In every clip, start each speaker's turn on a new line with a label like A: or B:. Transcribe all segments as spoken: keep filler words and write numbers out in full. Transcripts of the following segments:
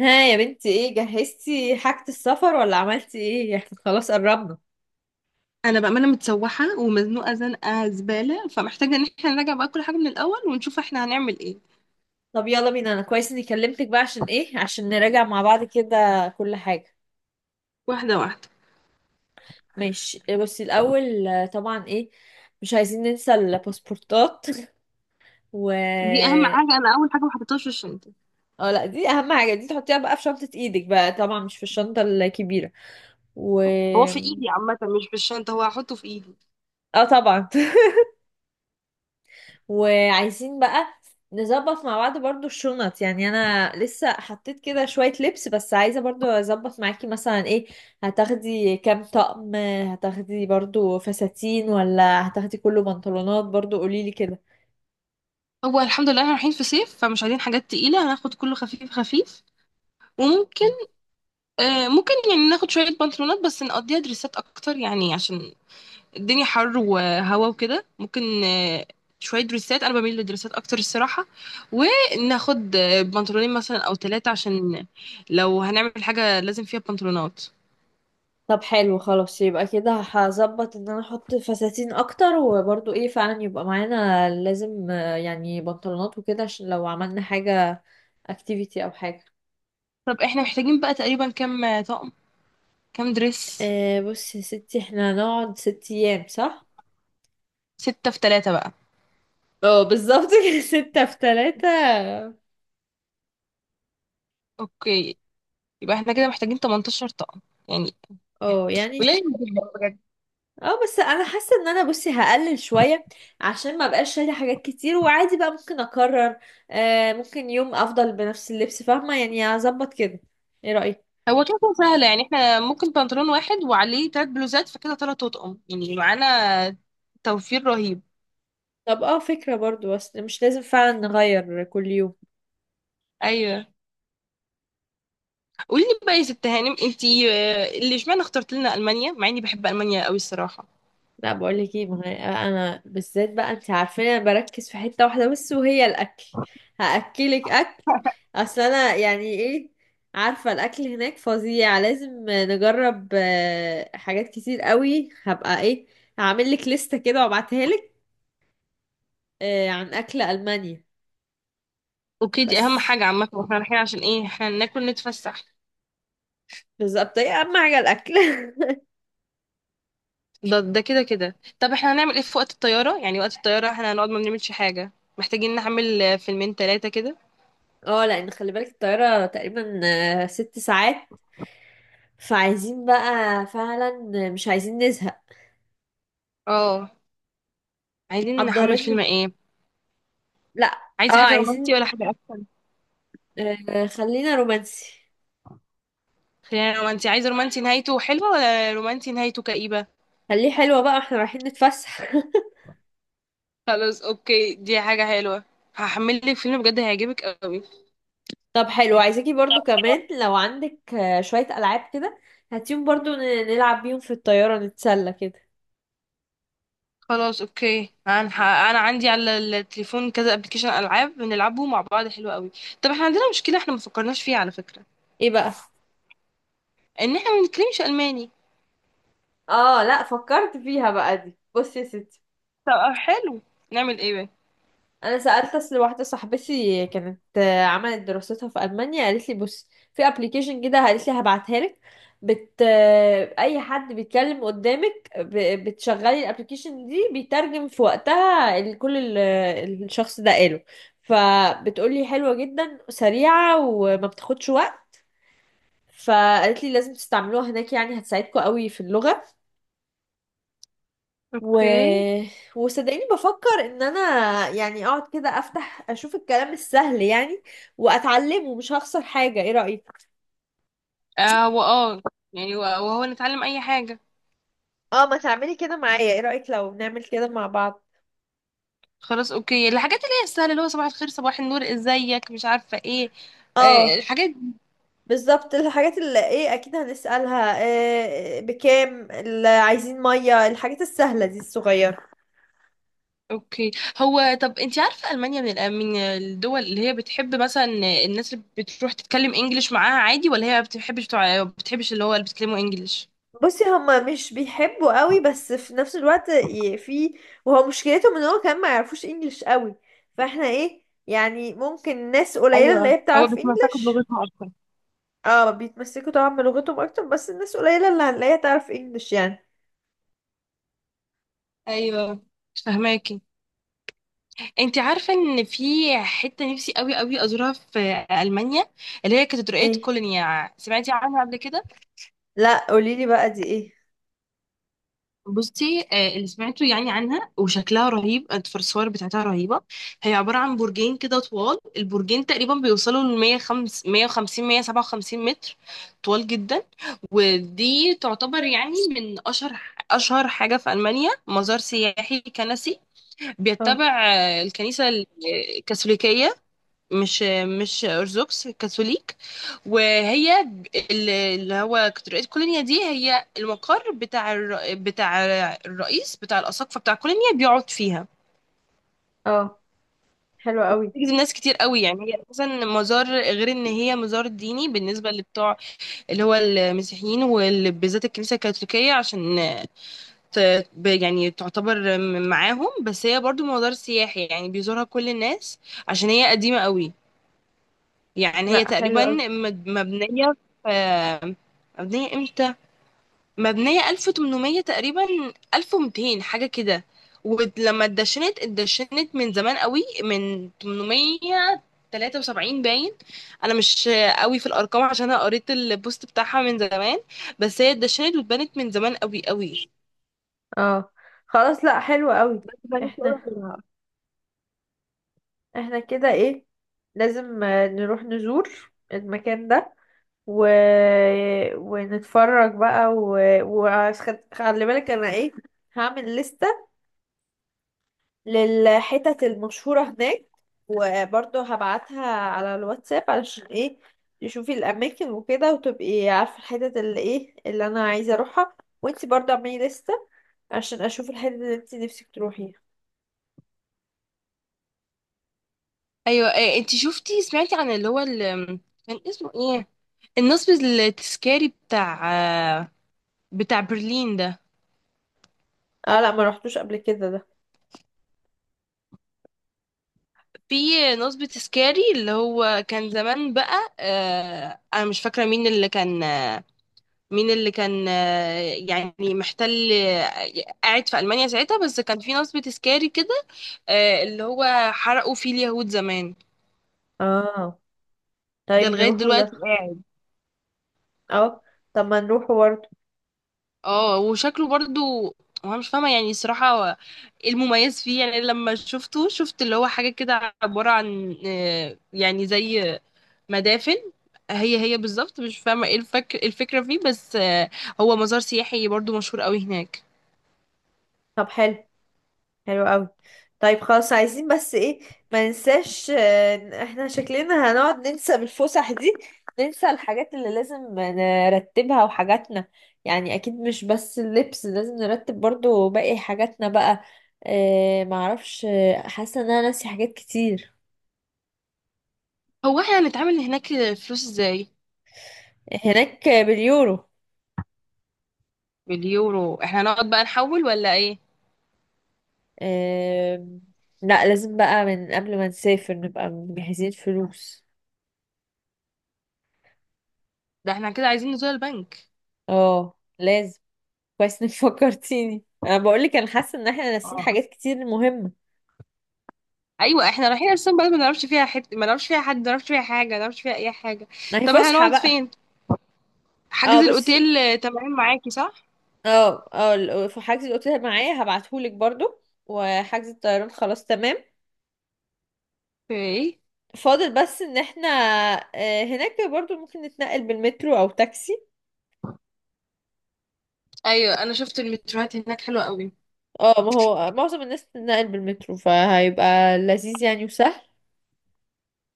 A: ها يا بنتي، ايه جهزتي حاجة السفر ولا عملتي ايه؟ احنا خلاص قربنا.
B: انا بقى، انا متسوحه ومزنوقه زنقه زباله، فمحتاجه ان احنا نراجع بقى كل حاجه من الاول ونشوف احنا هنعمل ايه.
A: طب يلا بينا، انا كويس اني كلمتك بقى، عشان ايه؟ عشان نراجع مع بعض كده كل حاجة.
B: واحده واحده.
A: ماشي، إيه، بصي الاول، آه، طبعا ايه. مش عايزين ننسى الباسبورتات. و
B: دي اهم حاجه، انا اول حاجه ما حطيتهاش في الشنطه.
A: اه، لا دي اهم حاجة، دي تحطيها بقى في شنطة ايدك بقى، طبعا مش في الشنطة الكبيرة. و
B: هو في ايدي عامه، مش في الشنطه، هو هحطه في ايدي.
A: اه، طبعا. وعايزين بقى نظبط مع بعض برضو الشنط، يعني انا لسه حطيت كده شوية لبس، بس عايزة برضو اظبط معاكي مثلا، ايه هتاخدي كام طقم؟ هتاخدي برضو فساتين ولا هتاخدي كله بنطلونات؟ برضو قوليلي كده.
B: هو الحمد لله احنا رايحين في صيف فمش عايزين حاجات تقيله، هناخد كله خفيف خفيف. وممكن،
A: مم.
B: آه ممكن يعني ناخد شويه بنطلونات بس نقضيها دريسات اكتر يعني عشان الدنيا حر وهوا وكده ممكن. آه، شوية دريسات، أنا بميل للدريسات أكتر الصراحة. وناخد آه، بنطلونين مثلا أو ثلاثة عشان لو هنعمل حاجة لازم فيها بنطلونات.
A: طب، حلو خلاص، يبقى كده هظبط ان انا احط فساتين اكتر، وبرضو ايه فعلا يبقى معانا لازم آه، يعني بنطلونات وكده، عشان لو عملنا حاجة اكتيفيتي او حاجة.
B: طب احنا محتاجين بقى تقريبا كام طقم؟ كام دريس؟
A: آه، بصي يا ستي، احنا هنقعد ست ايام، صح؟
B: ستة في ثلاثة بقى.
A: اه، بالظبط كده. ستة في تلاتة.
B: أوكي، يبقى احنا كده محتاجين 18 طقم، يعني
A: اه، يعني.
B: قليل جدا بجد.
A: اه، بس انا حاسة ان انا، بصي، هقلل شوية عشان ما بقاش شايلة حاجات كتير، وعادي بقى ممكن اكرر، آه ممكن يوم افضل بنفس اللبس، فاهمة؟ يعني هظبط كده. ايه رأيك؟
B: هو كده كده سهلة يعني، احنا ممكن بنطلون واحد وعليه تلات بلوزات فكده تلات أطقم يعني معانا، توفير رهيب.
A: طب، اه فكرة برضو، بس مش لازم فعلا نغير كل يوم.
B: أيوه. قولي لي بقى يا ست هانم، انتي آه، اللي اشمعنى اخترت لنا المانيا، مع اني بحب المانيا قوي الصراحه.
A: لا، بقول لك ايه، ما انا أنا بالذات بقى، انت عارفين انا بركز في حته واحده بس وهي الاكل. هاكلك اكل. اصل انا يعني ايه، عارفه الاكل هناك فظيع، لازم نجرب آه، حاجات كتير قوي، هبقى ايه، هعمل لك لسته كده وابعتها لك، آه، عن اكل المانيا.
B: اوكي، دي اهم
A: بس
B: حاجه عامه، واحنا رايحين عشان ايه؟ احنا ناكل نتفسح.
A: بالظبط، ايه اهم حاجه؟ الاكل.
B: ده ده كده كده. طب احنا هنعمل ايه في وقت الطياره؟ يعني وقت الطياره احنا هنقعد ما بنعملش حاجه، محتاجين نعمل آه، فيلمين ثلاثه كده.
A: اه، لان خلي بالك الطياره تقريبا آه، ست ساعات، فعايزين بقى فعلا مش عايزين نزهق.
B: اه، عايزين نحمل فيلم
A: حضر.
B: ايه؟
A: لا. اه،
B: عايزه حاجه رومانتي
A: عايزين،
B: ولا حاجه اكشن؟
A: آه خلينا رومانسي.
B: خلينا رومانتي. عايزه رومانتي نهايته حلوه ولا رومانتي نهايته كئيبه؟
A: خليه حلوة بقى، احنا رايحين نتفسح.
B: خلاص اوكي، دي حاجه حلوه. هحمل لك فيلم بجد هيعجبك قوي.
A: طب حلو، عايزاكي برضو كمان لو عندك آه، شوية ألعاب كده، هاتيهم برضو ن- نلعب بيهم في الطيارة نتسلى كده.
B: خلاص اوكي، انا ح- انا عندي على التليفون كذا ابلكيشن العاب بنلعبه مع بعض حلو قوي. طب احنا عندنا مشكله احنا ما فكرناش فيها على فكره،
A: ايه بقى؟
B: ان احنا ما بنتكلمش الماني.
A: اه، لا فكرت فيها بقى، دي بصي يا ستي.
B: طب حلو، نعمل ايه بقى؟
A: انا سالت اصل واحده صاحبتي كانت آه، عملت دراستها في المانيا، قالت لي بص، في ابلكيشن كده، قالت لي هبعتها لك، بت آه، اي حد بيتكلم قدامك ب... بتشغلي الابلكيشن دي بيترجم في وقتها، ال- كل ال... الشخص ده قاله. فبتقولي حلوه جدا، سريعه وما بتاخدش وقت. فقالت لي لازم تستعملوها هناك، يعني هتساعدكم قوي في اللغه. و...
B: اوكي.
A: وصدقيني بفكر ان انا يعني اقعد كده افتح اشوف الكلام السهل، يعني واتعلمه، مش هخسر حاجة. ايه رأيك؟
B: اه واه، يعني و- وهو نتعلم اي حاجه.
A: اه، ما تعملي كده معايا، ايه رأيك لو نعمل كده مع بعض؟
B: خلاص اوكي، الحاجات اللي هي السهله، اللي هو صباح الخير صباح النور ازيك مش عارفه ايه، آه،
A: اه،
B: الحاجات.
A: بالظبط الحاجات اللي ايه، اكيد هنسألها إيه، بكام، اللي عايزين مية، الحاجات السهلة دي الصغيرة.
B: اوكي. هو طب انت عارفه المانيا من الأ- من الدول اللي هي بتحب مثلا الناس اللي بتروح تتكلم انجليش معاها عادي، ولا هي ما بتحبش، بتوع بتحبش اللي هو اللي بيتكلموا انجليش؟
A: بصي، هما مش بيحبوا قوي، بس في نفس الوقت ي- في وهو مشكلتهم ان هو كمان ما يعرفوش انجليش قوي، فاحنا ايه يعني ممكن ناس قليلة اللي
B: ايوه،
A: هي
B: هو
A: بتعرف
B: بيتمسكوا
A: انجليش.
B: بلغتهم اكتر.
A: اه، بيتمسكوا طبعا بلغتهم اكتر، بس الناس قليلة اللي هنلاقيها تعرف انجليش يعني.
B: ايوه. مش فاهماكي. انت عارفه ان في حته نفسي قوي قوي ازورها في المانيا، اللي هي كاتدرائيه
A: ايه،
B: كولونيا، سمعتي عنها قبل كده؟
A: لا قوليلي بقى، دي ايه؟
B: بصي، آه، اللي سمعته يعني عنها وشكلها رهيب، الصور بتاعتها رهيبة. هي عبارة عن برجين كده طوال، البرجين تقريبا بيوصلوا ل مية وخمسين مية سبعة وخمسين متر، طوال جدا. ودي تعتبر يعني من أشهر أشهر حاجة في ألمانيا، مزار سياحي كنسي،
A: اه،
B: بيتبع آه، الكنيسة الكاثوليكية. مش مش ارثوذكس، كاثوليك. وهي ب- ال- اللي هو كاتدرائية كولينيا دي هي المقر بتاع الر... بتاع الرئيس بتاع الاساقفه بتاع كولينيا بيقعد فيها.
A: اه، حلو قوي.
B: بيجذب ناس كتير قوي، يعني هي اساسا مزار، غير ان هي مزار ديني بالنسبه لبتوع اللي هو المسيحيين وبالذات الكنيسه الكاثوليكيه، عشان ت... ب- يعني تعتبر م- معاهم، بس هي برضو مزار سياحي يعني بيزورها كل الناس، عشان هي قديمه قوي. يعني هي
A: لا، حلو
B: تقريبا
A: قوي.
B: مد- مبنية في، مبنية امتى؟ مبنية ألف وتمنمية تقريبا، ألف ومئتين حاجة كده. ولما اتدشنت اتدشنت من زمان قوي، من تمنمية وتلاتة وسبعين باين. انا مش قوي في الارقام عشان انا قريت البوست بتاعها من زمان، بس هي اتدشنت واتبنت من زمان قوي قوي.
A: اه، خلاص. لا، حلو قوي.
B: بنت
A: احنا
B: أولها.
A: احنا كده ايه، لازم آه، نروح نزور المكان ده، و... ونتفرج بقى وخلي و... وخد... خلي بالك انا ايه، هعمل لستة للحتت المشهورة هناك، وبرضه هبعتها على الواتساب، علشان ايه؟ تشوفي الاماكن وكده، وتبقي عارفة الحتت اللي ايه اللي انا عايزة اروحها. وانتي برضه اعملي لستة عشان اشوف الحتت اللي انتي نفسك تروحيها.
B: ايوه، إيه، انت شفتي سمعتي عن اللي هو ال- كان اسمه ايه، النصب التذكاري بتاع بتاع برلين ده؟
A: اه، لا ما رحتوش قبل كده ده.
B: في نصبة سكاري اللي هو كان زمان بقى، آه انا مش فاكره مين اللي كان آه مين اللي كان آه يعني محتل، آه، قاعد في المانيا ساعتها، بس كان في نصبة سكاري كده. آه، اللي هو حرقوا فيه اليهود زمان.
A: اه.
B: ده
A: طيب
B: لغايه
A: نروحوا
B: دلوقتي
A: ده.
B: قاعد.
A: اه. طب ما نروحوا برضه.
B: اه، وشكله برضو، وانا مش فاهمه يعني الصراحه هو ايه المميز فيه؟ يعني لما شفته شفت اللي هو حاجه كده عباره عن، آه يعني زي مدافن. هي هي بالظبط، مش فاهمة ايه الفك... الفكرة فيه، بس آه، هو مزار سياحي برضو مشهور قوي هناك.
A: طب حلو. حلو قوي. طيب خلاص، عايزين بس ايه، ما ننساش آه، إن احنا شكلنا هنقعد ننسى بالفسح دي، ننسى الحاجات اللي لازم نرتبها وحاجاتنا. يعني اكيد مش بس اللبس، لازم نرتب برضو باقي حاجاتنا بقى. اه، معرفش، آه، حاسه ان انا ناسي حاجات كتير.
B: هو احنا هنتعامل هناك فلوس ازاي؟
A: هناك باليورو.
B: باليورو. احنا هنقعد بقى نحول ولا ايه؟
A: اه، لا لازم بقى من قبل ما نسافر نبقى مجهزين فلوس.
B: ده احنا كده عايزين نزور البنك.
A: اه، لازم. كويس انك فكرتيني، انا بقول لك انا حاسه ان احنا ناسيين
B: اه،
A: حاجات كتير مهمه.
B: ايوه، احنا رايحين اصلا بلد ما نعرفش فيها حته، ما نعرفش فيها حد، ما نعرفش فيها حاجه، ما نعرفش فيها اي حاجه.
A: ما هي
B: طب احنا
A: فسحه
B: نقعد
A: بقى.
B: فين؟
A: اه،
B: حجز
A: بصي،
B: الاوتيل آه، تمام معاكي صح؟
A: اه، اه، ال- آه، في حجز الاوتيل معايا، هبعتهولك برضو، وحجز الطيران خلاص تمام.
B: في ايه؟
A: فاضل بس ان احنا آه، هناك برضو ممكن نتنقل بالمترو او تاكسي.
B: ايوه، انا شفت المتروهات هناك حلوه قوي.
A: اه، ما هو معظم الناس بتتنقل بالمترو، فهيبقى لذيذ يعني وسهل.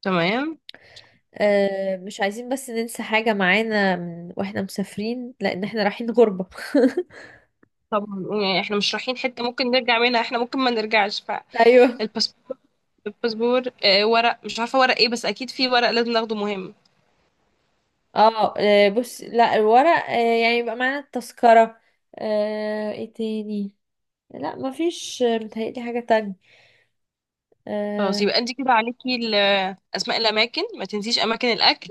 B: تمام.
A: آه، مش عايزين بس ننسى حاجه معانا من- واحنا مسافرين، لان احنا رايحين غربه.
B: طب يعني احنا مش رايحين حته ممكن نرجع منها، احنا ممكن ما نرجعش.
A: ايوه.
B: الباسبور، الباسبور آه، ورق، مش عارفه ورق ايه، بس اكيد في ورق لازم ناخده مهم.
A: اه، آه، بص، لا الورق، آه، يعني يبقى معانا التذكرة، آه، ايه تاني؟ لا مفيش، آه، متهيألي حاجة تانية.
B: خلاص،
A: اه.
B: يبقى انت كده عليكي ال- اسماء الاماكن، ما تنسيش اماكن الاكل،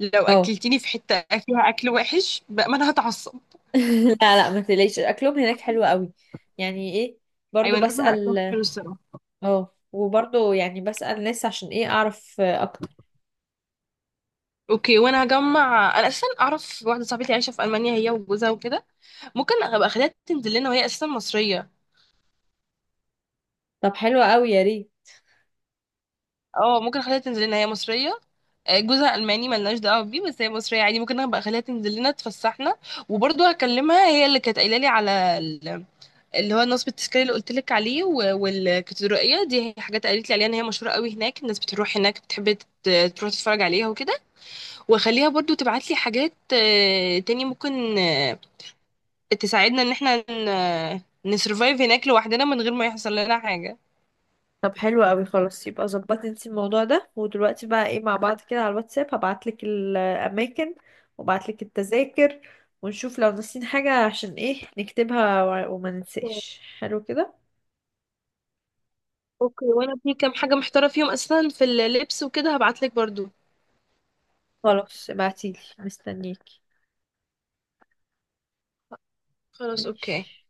B: لو
A: آه.
B: اكلتيني في حته فيها اكل وحش بقى ما انا هتعصب.
A: لا، لا، ما تقلقيش اكلهم هناك حلو قوي، يعني ايه، برضو
B: ايوه، انا باكل اكلهم
A: بسأل.
B: حلو الصراحه.
A: اه، وبرضو يعني بسأل ناس، عشان ايه؟ اعرف آه، اكتر.
B: اوكي، وانا هجمع، انا اساسا اعرف واحده صاحبتي عايشه في المانيا هي وجوزها وكده، ممكن ابقى اخليها تنزل لنا وهي اساسا مصريه.
A: طب حلو قوي، يا ريت.
B: اه، ممكن اخليها تنزل لنا، هي مصريه، آه، جوزها الماني ملناش دعوه بيه، بس هي مصريه عادي، ممكن ابقى اخليها تنزل لنا تفسحنا. وبرضه هكلمها، هي اللي كانت قايله لي على ال- اللي هو نصب التذكاري اللي قلت لك عليه، و- والكاتدرائيه دي، هي حاجات قالت لي عليها ان هي مشهوره قوي هناك، الناس بتروح هناك بتحب تت- تروح تتفرج عليها وكده. واخليها برضه تبعت لي حاجات آه، تاني، ممكن آه، تساعدنا ان احنا ن- نسرفايف هناك لوحدنا من غير ما يحصل لنا حاجه.
A: طب حلو قوي. خلاص يبقى ظبطي انتي الموضوع ده، ودلوقتي بقى ايه مع بعض كده على الواتساب هبعتلك الاماكن، وابعتلك التذاكر، ونشوف لو ناسيين حاجة عشان ايه نكتبها و- وما ننساش، حلو كده.
B: اوكي، وانا في كام حاجة محتارة فيهم اصلا في اللبس وكده، هبعتلك برضو.
A: خلاص ابعتيلي، مستنيكي.
B: خلاص اوكي.
A: ماشي.